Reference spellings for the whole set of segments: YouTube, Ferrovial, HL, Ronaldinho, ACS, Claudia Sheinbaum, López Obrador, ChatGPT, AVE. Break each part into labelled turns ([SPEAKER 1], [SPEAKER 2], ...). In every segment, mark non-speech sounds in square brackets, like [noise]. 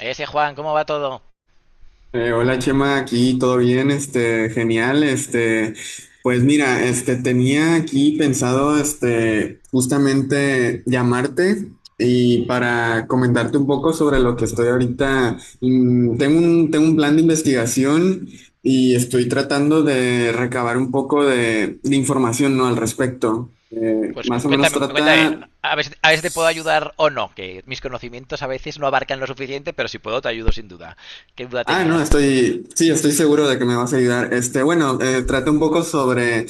[SPEAKER 1] Ese Juan, ¿cómo va todo?
[SPEAKER 2] Hola Chema, aquí todo bien, genial, pues mira, tenía aquí pensado, justamente llamarte y para comentarte un poco sobre lo que estoy ahorita, tengo un plan de investigación y estoy tratando de recabar un poco de información, ¿no? Al respecto.
[SPEAKER 1] Pues
[SPEAKER 2] Más o menos
[SPEAKER 1] cuéntame, cuéntame.
[SPEAKER 2] trata.
[SPEAKER 1] A ver, a ver si te puedo ayudar o no, que mis conocimientos a veces no abarcan lo suficiente, pero si puedo te ayudo sin duda. ¿Qué duda
[SPEAKER 2] No,
[SPEAKER 1] tenías?
[SPEAKER 2] sí, estoy seguro de que me vas a ayudar. Bueno, trata un poco sobre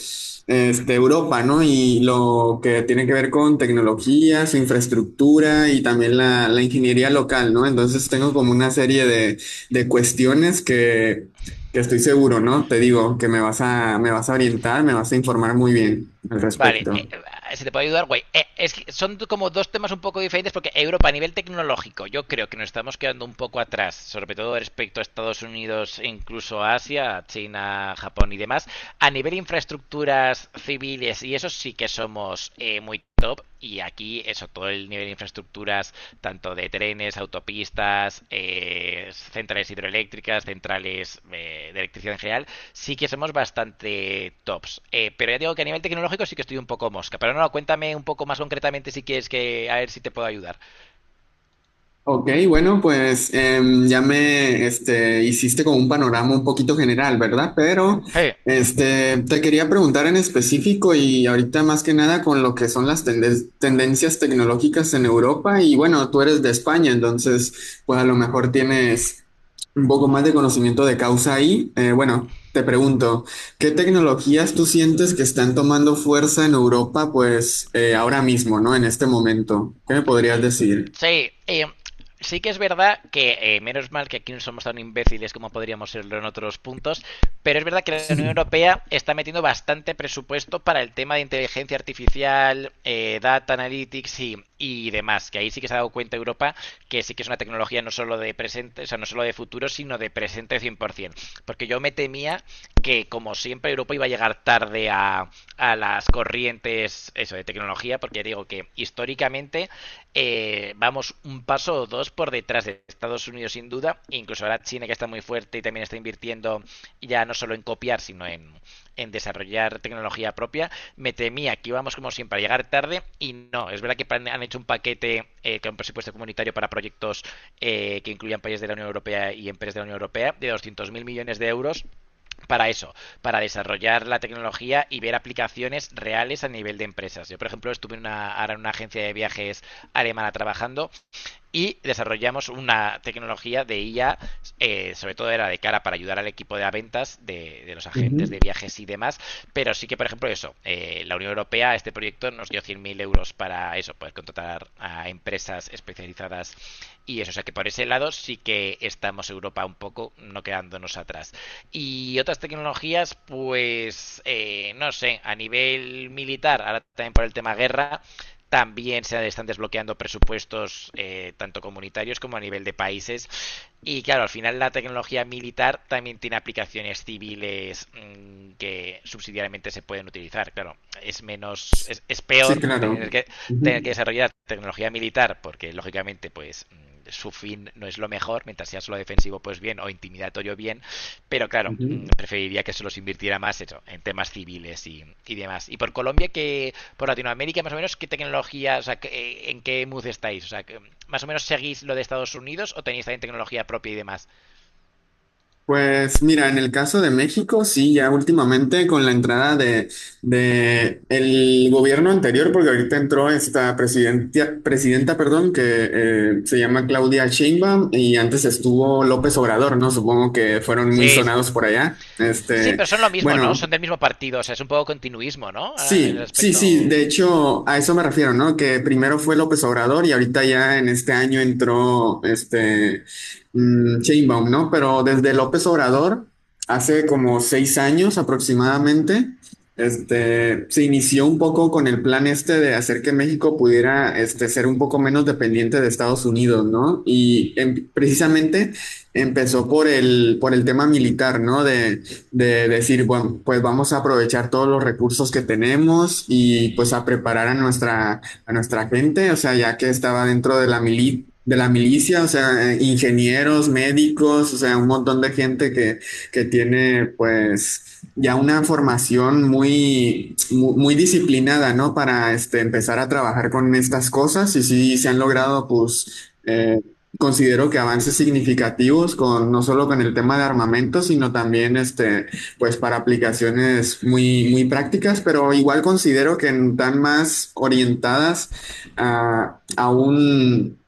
[SPEAKER 2] Europa, ¿no? Y lo que tiene que ver con tecnología, su infraestructura y también la ingeniería local, ¿no? Entonces tengo como una serie de cuestiones que estoy seguro, ¿no? Te digo que me me vas a orientar, me vas a informar muy bien al
[SPEAKER 1] Vale,
[SPEAKER 2] respecto.
[SPEAKER 1] si te puedo ayudar, güey. Es que son como dos temas un poco diferentes porque Europa a nivel tecnológico yo creo que nos estamos quedando un poco atrás, sobre todo respecto a Estados Unidos, e incluso a Asia, China, Japón y demás. A nivel infraestructuras civiles y eso sí que somos muy top, y aquí eso, todo el nivel de infraestructuras, tanto de trenes, autopistas, centrales hidroeléctricas, centrales de electricidad en general, sí que somos bastante tops. Pero ya digo que a nivel tecnológico sí que estoy un poco mosca. Pero no, cuéntame un poco más concretamente si quieres que, a ver si te puedo ayudar.
[SPEAKER 2] Ok, bueno, pues ya me hiciste con un panorama un poquito general, ¿verdad? Pero
[SPEAKER 1] Hey.
[SPEAKER 2] te quería preguntar en específico y ahorita más que nada con lo que son las tendencias tecnológicas en Europa y bueno, tú eres de España, entonces pues a lo mejor tienes un poco más de conocimiento de causa ahí. Bueno, te pregunto, ¿qué tecnologías tú sientes que están tomando fuerza en Europa pues ahora mismo, ¿no? En este momento, ¿qué me podrías decir?
[SPEAKER 1] Sí, sí que es verdad que menos mal que aquí no somos tan imbéciles como podríamos serlo en otros puntos, pero es verdad que la Unión Europea está metiendo bastante presupuesto para el tema de inteligencia artificial, data analytics y demás, que ahí sí que se ha dado cuenta Europa que sí que es una tecnología no solo de presente, o sea, no solo de futuro, sino de presente 100%, porque yo me temía que como siempre Europa iba a llegar tarde a las corrientes eso de tecnología, porque ya digo que históricamente vamos un paso o dos por detrás de Estados Unidos sin duda, e incluso ahora China, que está muy fuerte y también está invirtiendo ya no solo en copiar, sino en desarrollar tecnología propia. Me temía que íbamos como siempre a llegar tarde y no, es verdad que han hecho un paquete con presupuesto comunitario para proyectos que incluyan países de la Unión Europea y empresas de la Unión Europea de 200.000 millones de euros para eso, para desarrollar la tecnología y ver aplicaciones reales a nivel de empresas. Yo, por ejemplo, estuve en una, ahora en una agencia de viajes alemana trabajando y desarrollamos una tecnología de IA, sobre todo era de cara para ayudar al equipo de ventas de los agentes
[SPEAKER 2] Ujú.
[SPEAKER 1] de viajes y demás, pero sí que, por ejemplo, eso, la Unión Europea, este proyecto nos dio 100.000 euros para eso, poder contratar a empresas especializadas y eso, o sea que por ese lado sí que estamos Europa un poco no quedándonos atrás. Y otras tecnologías, pues, no sé, a nivel militar, ahora también por el tema guerra, también se están desbloqueando presupuestos tanto comunitarios como a nivel de países. Y claro, al final la tecnología militar también tiene aplicaciones civiles que subsidiariamente se pueden utilizar. Claro, es menos, es
[SPEAKER 2] Sí,
[SPEAKER 1] peor
[SPEAKER 2] claro.
[SPEAKER 1] tener que
[SPEAKER 2] Ujú,
[SPEAKER 1] desarrollar tecnología militar porque lógicamente pues su fin no es lo mejor, mientras sea solo defensivo, pues bien, o intimidatorio, bien, pero claro,
[SPEAKER 2] ujú.
[SPEAKER 1] preferiría que se los invirtiera más eso, en temas civiles y demás. Y por Colombia, que por Latinoamérica, más o menos, ¿qué tecnología, o sea, en qué mood estáis? O sea, que, ¿más o menos seguís lo de Estados Unidos o tenéis también tecnología propia y demás?
[SPEAKER 2] Pues mira, en el caso de México, sí, ya últimamente con la entrada de el gobierno anterior, porque ahorita entró esta presidenta, presidenta, perdón, que se llama Claudia Sheinbaum y antes estuvo López Obrador, ¿no? Supongo que fueron muy
[SPEAKER 1] Sí, sí.
[SPEAKER 2] sonados por allá.
[SPEAKER 1] Sí, pero son lo mismo, ¿no?
[SPEAKER 2] Bueno,
[SPEAKER 1] Son del mismo partido, o sea, es un poco continuismo, ¿no? Ah, en el
[SPEAKER 2] sí, sí,
[SPEAKER 1] aspecto
[SPEAKER 2] sí,
[SPEAKER 1] o-
[SPEAKER 2] de hecho a eso me refiero, ¿no? Que primero fue López Obrador y ahorita ya en este año entró Sheinbaum, ¿no? Pero desde López Obrador, hace como 6 años aproximadamente, se inició un poco con el plan este de hacer que México pudiera ser un poco menos dependiente de Estados Unidos, ¿no? Y precisamente empezó por por el tema militar, ¿no? De decir, bueno, pues vamos a aprovechar todos los recursos que tenemos y pues a preparar a nuestra gente, o sea, ya que estaba dentro de la de la milicia, o sea, ingenieros, médicos, o sea, un montón de gente que tiene pues ya una formación muy, muy disciplinada, ¿no? Para empezar a trabajar con estas cosas y sí se han logrado pues considero que avances significativos con no solo con el tema de armamento, sino también pues para aplicaciones muy, muy prácticas, pero igual considero que están más orientadas a, a un,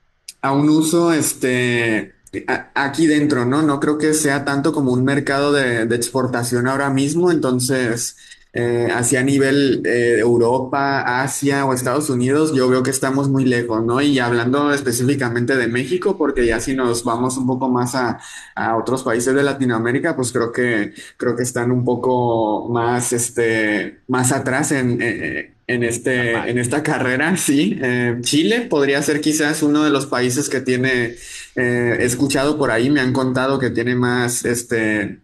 [SPEAKER 2] a un uso aquí dentro, ¿no? No creo que sea tanto como un mercado de exportación ahora mismo, entonces así a nivel Europa, Asia o Estados Unidos, yo veo que estamos muy lejos, ¿no? Y hablando específicamente de México, porque ya si nos vamos un poco más a otros países de Latinoamérica, pues creo que están un poco más, más atrás en en
[SPEAKER 1] Normal.
[SPEAKER 2] esta carrera, [laughs] sí. Chile podría ser quizás uno de los países que tiene, he escuchado por ahí, me han contado que tiene más,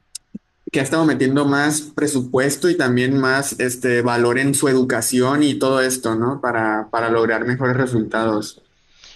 [SPEAKER 2] que ha estado metiendo más presupuesto y también más este valor en su educación y todo esto, ¿no? Para lograr mejores resultados.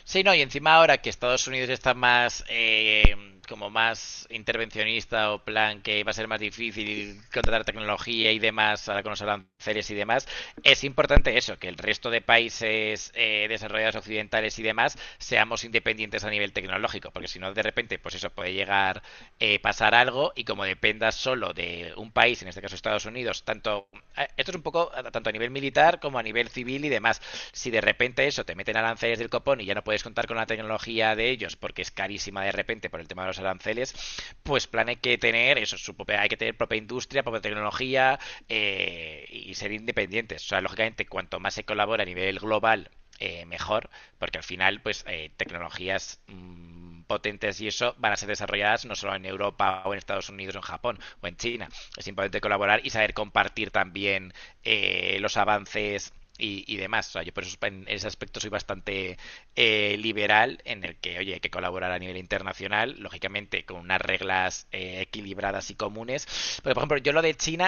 [SPEAKER 1] Sí, no, y encima ahora que Estados Unidos está más como más intervencionista, o plan que va a ser más difícil contratar tecnología y demás ahora con los aranceles y demás, es importante eso, que el resto de países desarrollados occidentales y demás seamos independientes a nivel tecnológico, porque si no de repente pues eso puede llegar pasar algo y, como dependas solo de un país, en este caso Estados Unidos, tanto esto es un poco tanto a nivel militar como a nivel civil y demás, si de repente eso te meten aranceles del copón y ya no puedes contar con la tecnología de ellos porque es carísima de repente por el tema de los aranceles, pues plan hay que tener eso, su propia, hay que tener propia industria, propia tecnología y ser independientes. O sea, lógicamente, cuanto más se colabora a nivel global, mejor, porque al final, pues, tecnologías potentes y eso van a ser desarrolladas no solo en Europa o en Estados Unidos o en Japón o en China. Es importante colaborar y saber compartir también los avances y demás. O sea, yo por eso en ese aspecto soy bastante liberal en el que, oye, hay que colaborar a nivel internacional, lógicamente con unas reglas equilibradas y comunes. Pero, por ejemplo, yo lo de China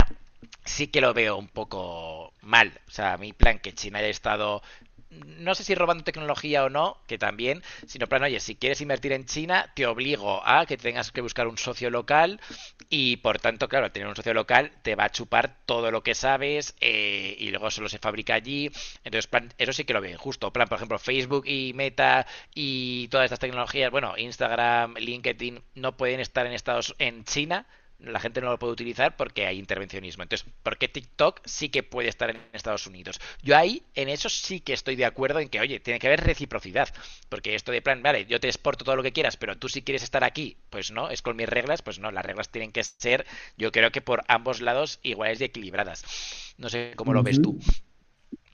[SPEAKER 1] sí que lo veo un poco mal. O sea, mi plan que China haya estado no sé si robando tecnología o no, que también, sino plan, oye, si quieres invertir en China, te obligo a que tengas que buscar un socio local, y por tanto, claro, al tener un socio local te va a chupar todo lo que sabes, y luego solo se fabrica allí. Entonces, plan, eso sí que lo veo injusto. Plan, por ejemplo, Facebook y Meta y todas estas tecnologías, bueno, Instagram, LinkedIn, no pueden estar en Estados en China. La gente no lo puede utilizar porque hay intervencionismo. Entonces, ¿por qué TikTok sí que puede estar en Estados Unidos? Yo ahí, en eso sí que estoy de acuerdo en que, oye, tiene que haber reciprocidad. Porque esto de plan, vale, yo te exporto todo lo que quieras, pero tú si quieres estar aquí, pues no, es con mis reglas, pues no, las reglas tienen que ser, yo creo que por ambos lados, iguales y equilibradas. No sé cómo lo ves tú.
[SPEAKER 2] Ujú.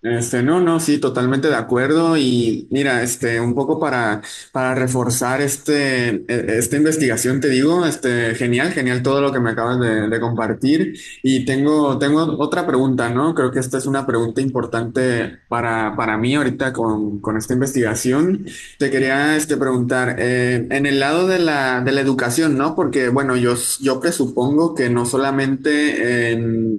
[SPEAKER 2] No, no, sí, totalmente de acuerdo. Y mira, un poco para reforzar esta investigación, te digo, este, genial, genial todo lo que me acabas de compartir. Y tengo otra pregunta, ¿no? Creo que esta es una pregunta importante para mí ahorita con esta investigación. Te
[SPEAKER 1] ¿Mm?
[SPEAKER 2] quería, preguntar, en el lado de la educación, ¿no? Porque, bueno, yo presupongo que no solamente,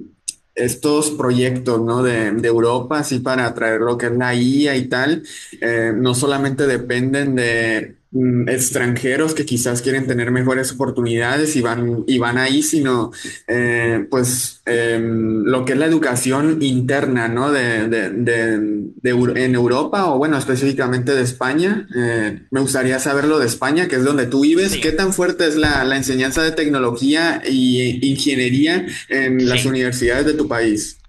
[SPEAKER 2] estos proyectos, ¿no? De Europa, así para atraer lo que es la IA y tal, no solamente dependen de extranjeros que quizás quieren tener mejores oportunidades y y van ahí, sino pues lo que es la educación interna, ¿no? En Europa o bueno, específicamente de España. Me gustaría saberlo de España, que es donde tú vives.
[SPEAKER 1] Sí,
[SPEAKER 2] ¿Qué tan fuerte es la enseñanza de tecnología y ingeniería en las
[SPEAKER 1] sí.
[SPEAKER 2] universidades de tu país?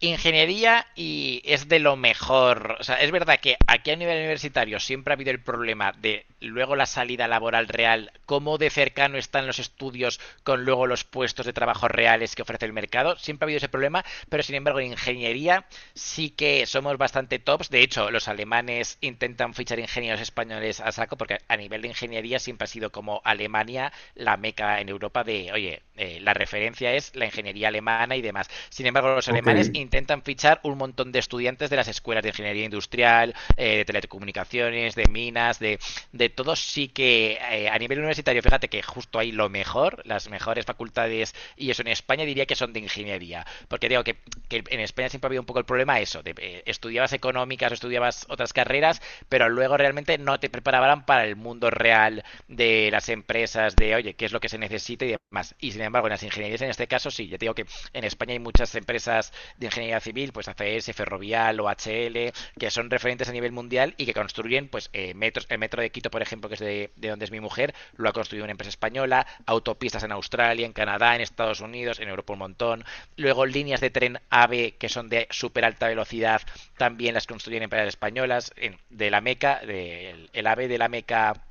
[SPEAKER 1] Ingeniería y es de lo mejor. O sea, es verdad que aquí a nivel universitario siempre ha habido el problema de luego la salida laboral real, cómo de cercano están los estudios con luego los puestos de trabajo reales que ofrece el mercado. Siempre ha habido ese problema, pero sin embargo en ingeniería sí que somos bastante tops. De hecho, los alemanes intentan fichar ingenieros españoles a saco porque a nivel de ingeniería siempre ha sido como Alemania la meca en Europa de, oye, la referencia es la ingeniería alemana y demás. Sin embargo, los
[SPEAKER 2] Ok,
[SPEAKER 1] alemanes intentan fichar un montón de estudiantes de las escuelas de ingeniería industrial, de telecomunicaciones, de minas, de todo. Sí que a nivel universitario, fíjate que justo ahí lo mejor, las mejores facultades y eso en España, diría que son de ingeniería. Porque digo que, en España siempre ha habido un poco el problema eso, de, estudiabas económicas o estudiabas otras carreras, pero luego realmente no te preparaban para el mundo real de las empresas, de oye, qué es lo que se necesita y demás. Y sin embargo, en las ingenierías en este caso sí, ya te digo que en España hay muchas empresas de ingeniería civil, pues ACS, Ferrovial o HL, que son referentes a nivel mundial y que construyen pues metros metros, el metro de Quito, por ejemplo, que es de donde es mi mujer, lo ha construido una empresa española, autopistas en Australia, en Canadá, en Estados Unidos, en Europa un montón. Luego líneas de tren AVE, que son de súper alta velocidad, también las construyen empresas españolas, en, de la Meca, de, el AVE de la Meca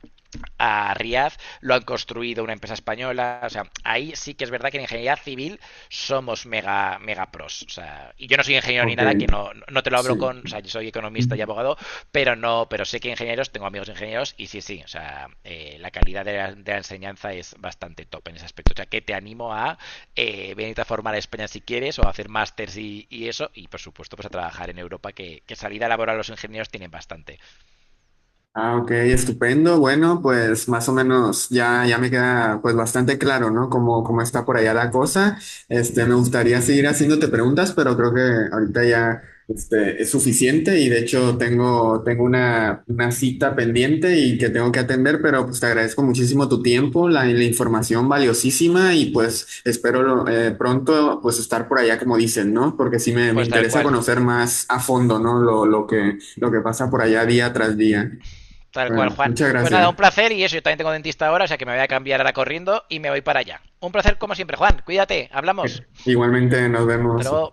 [SPEAKER 1] a Riad, lo han construido una empresa española. O sea, ahí sí que es verdad que en ingeniería civil somos mega, mega pros. O sea, y yo no soy ingeniero ni
[SPEAKER 2] ok,
[SPEAKER 1] nada, que no, no te lo hablo con. O
[SPEAKER 2] sí.
[SPEAKER 1] sea, yo soy economista y abogado, pero no, pero sé que ingenieros, tengo amigos ingenieros, y sí, sí. O sea, la calidad de la, de la enseñanza es bastante top en ese aspecto. O sea, que te animo a venirte a formar a España si quieres, o a hacer másters y eso, y por supuesto, pues a trabajar en Europa, que salida laboral los ingenieros tienen bastante.
[SPEAKER 2] Ah, ok, estupendo. Bueno, pues más o menos ya, ya me queda pues bastante claro, ¿no? Cómo, cómo está por allá la cosa. Me gustaría seguir haciéndote preguntas, pero creo que ahorita ya es suficiente y de hecho tengo una cita pendiente y que tengo que atender, pero pues te agradezco muchísimo tu tiempo, la información valiosísima y pues espero pronto pues estar por allá como dicen, ¿no? Porque sí me
[SPEAKER 1] Pues tal
[SPEAKER 2] interesa
[SPEAKER 1] cual.
[SPEAKER 2] conocer más a fondo, ¿no? Lo que pasa por allá día tras día.
[SPEAKER 1] Tal cual,
[SPEAKER 2] Bueno,
[SPEAKER 1] Juan.
[SPEAKER 2] muchas
[SPEAKER 1] Pues nada, un
[SPEAKER 2] gracias.
[SPEAKER 1] placer y eso, yo también tengo dentista ahora, o sea que me voy a cambiar ahora corriendo y me voy para allá. Un placer como siempre, Juan. Cuídate, hablamos.
[SPEAKER 2] Igualmente nos
[SPEAKER 1] Hasta
[SPEAKER 2] vemos.
[SPEAKER 1] luego.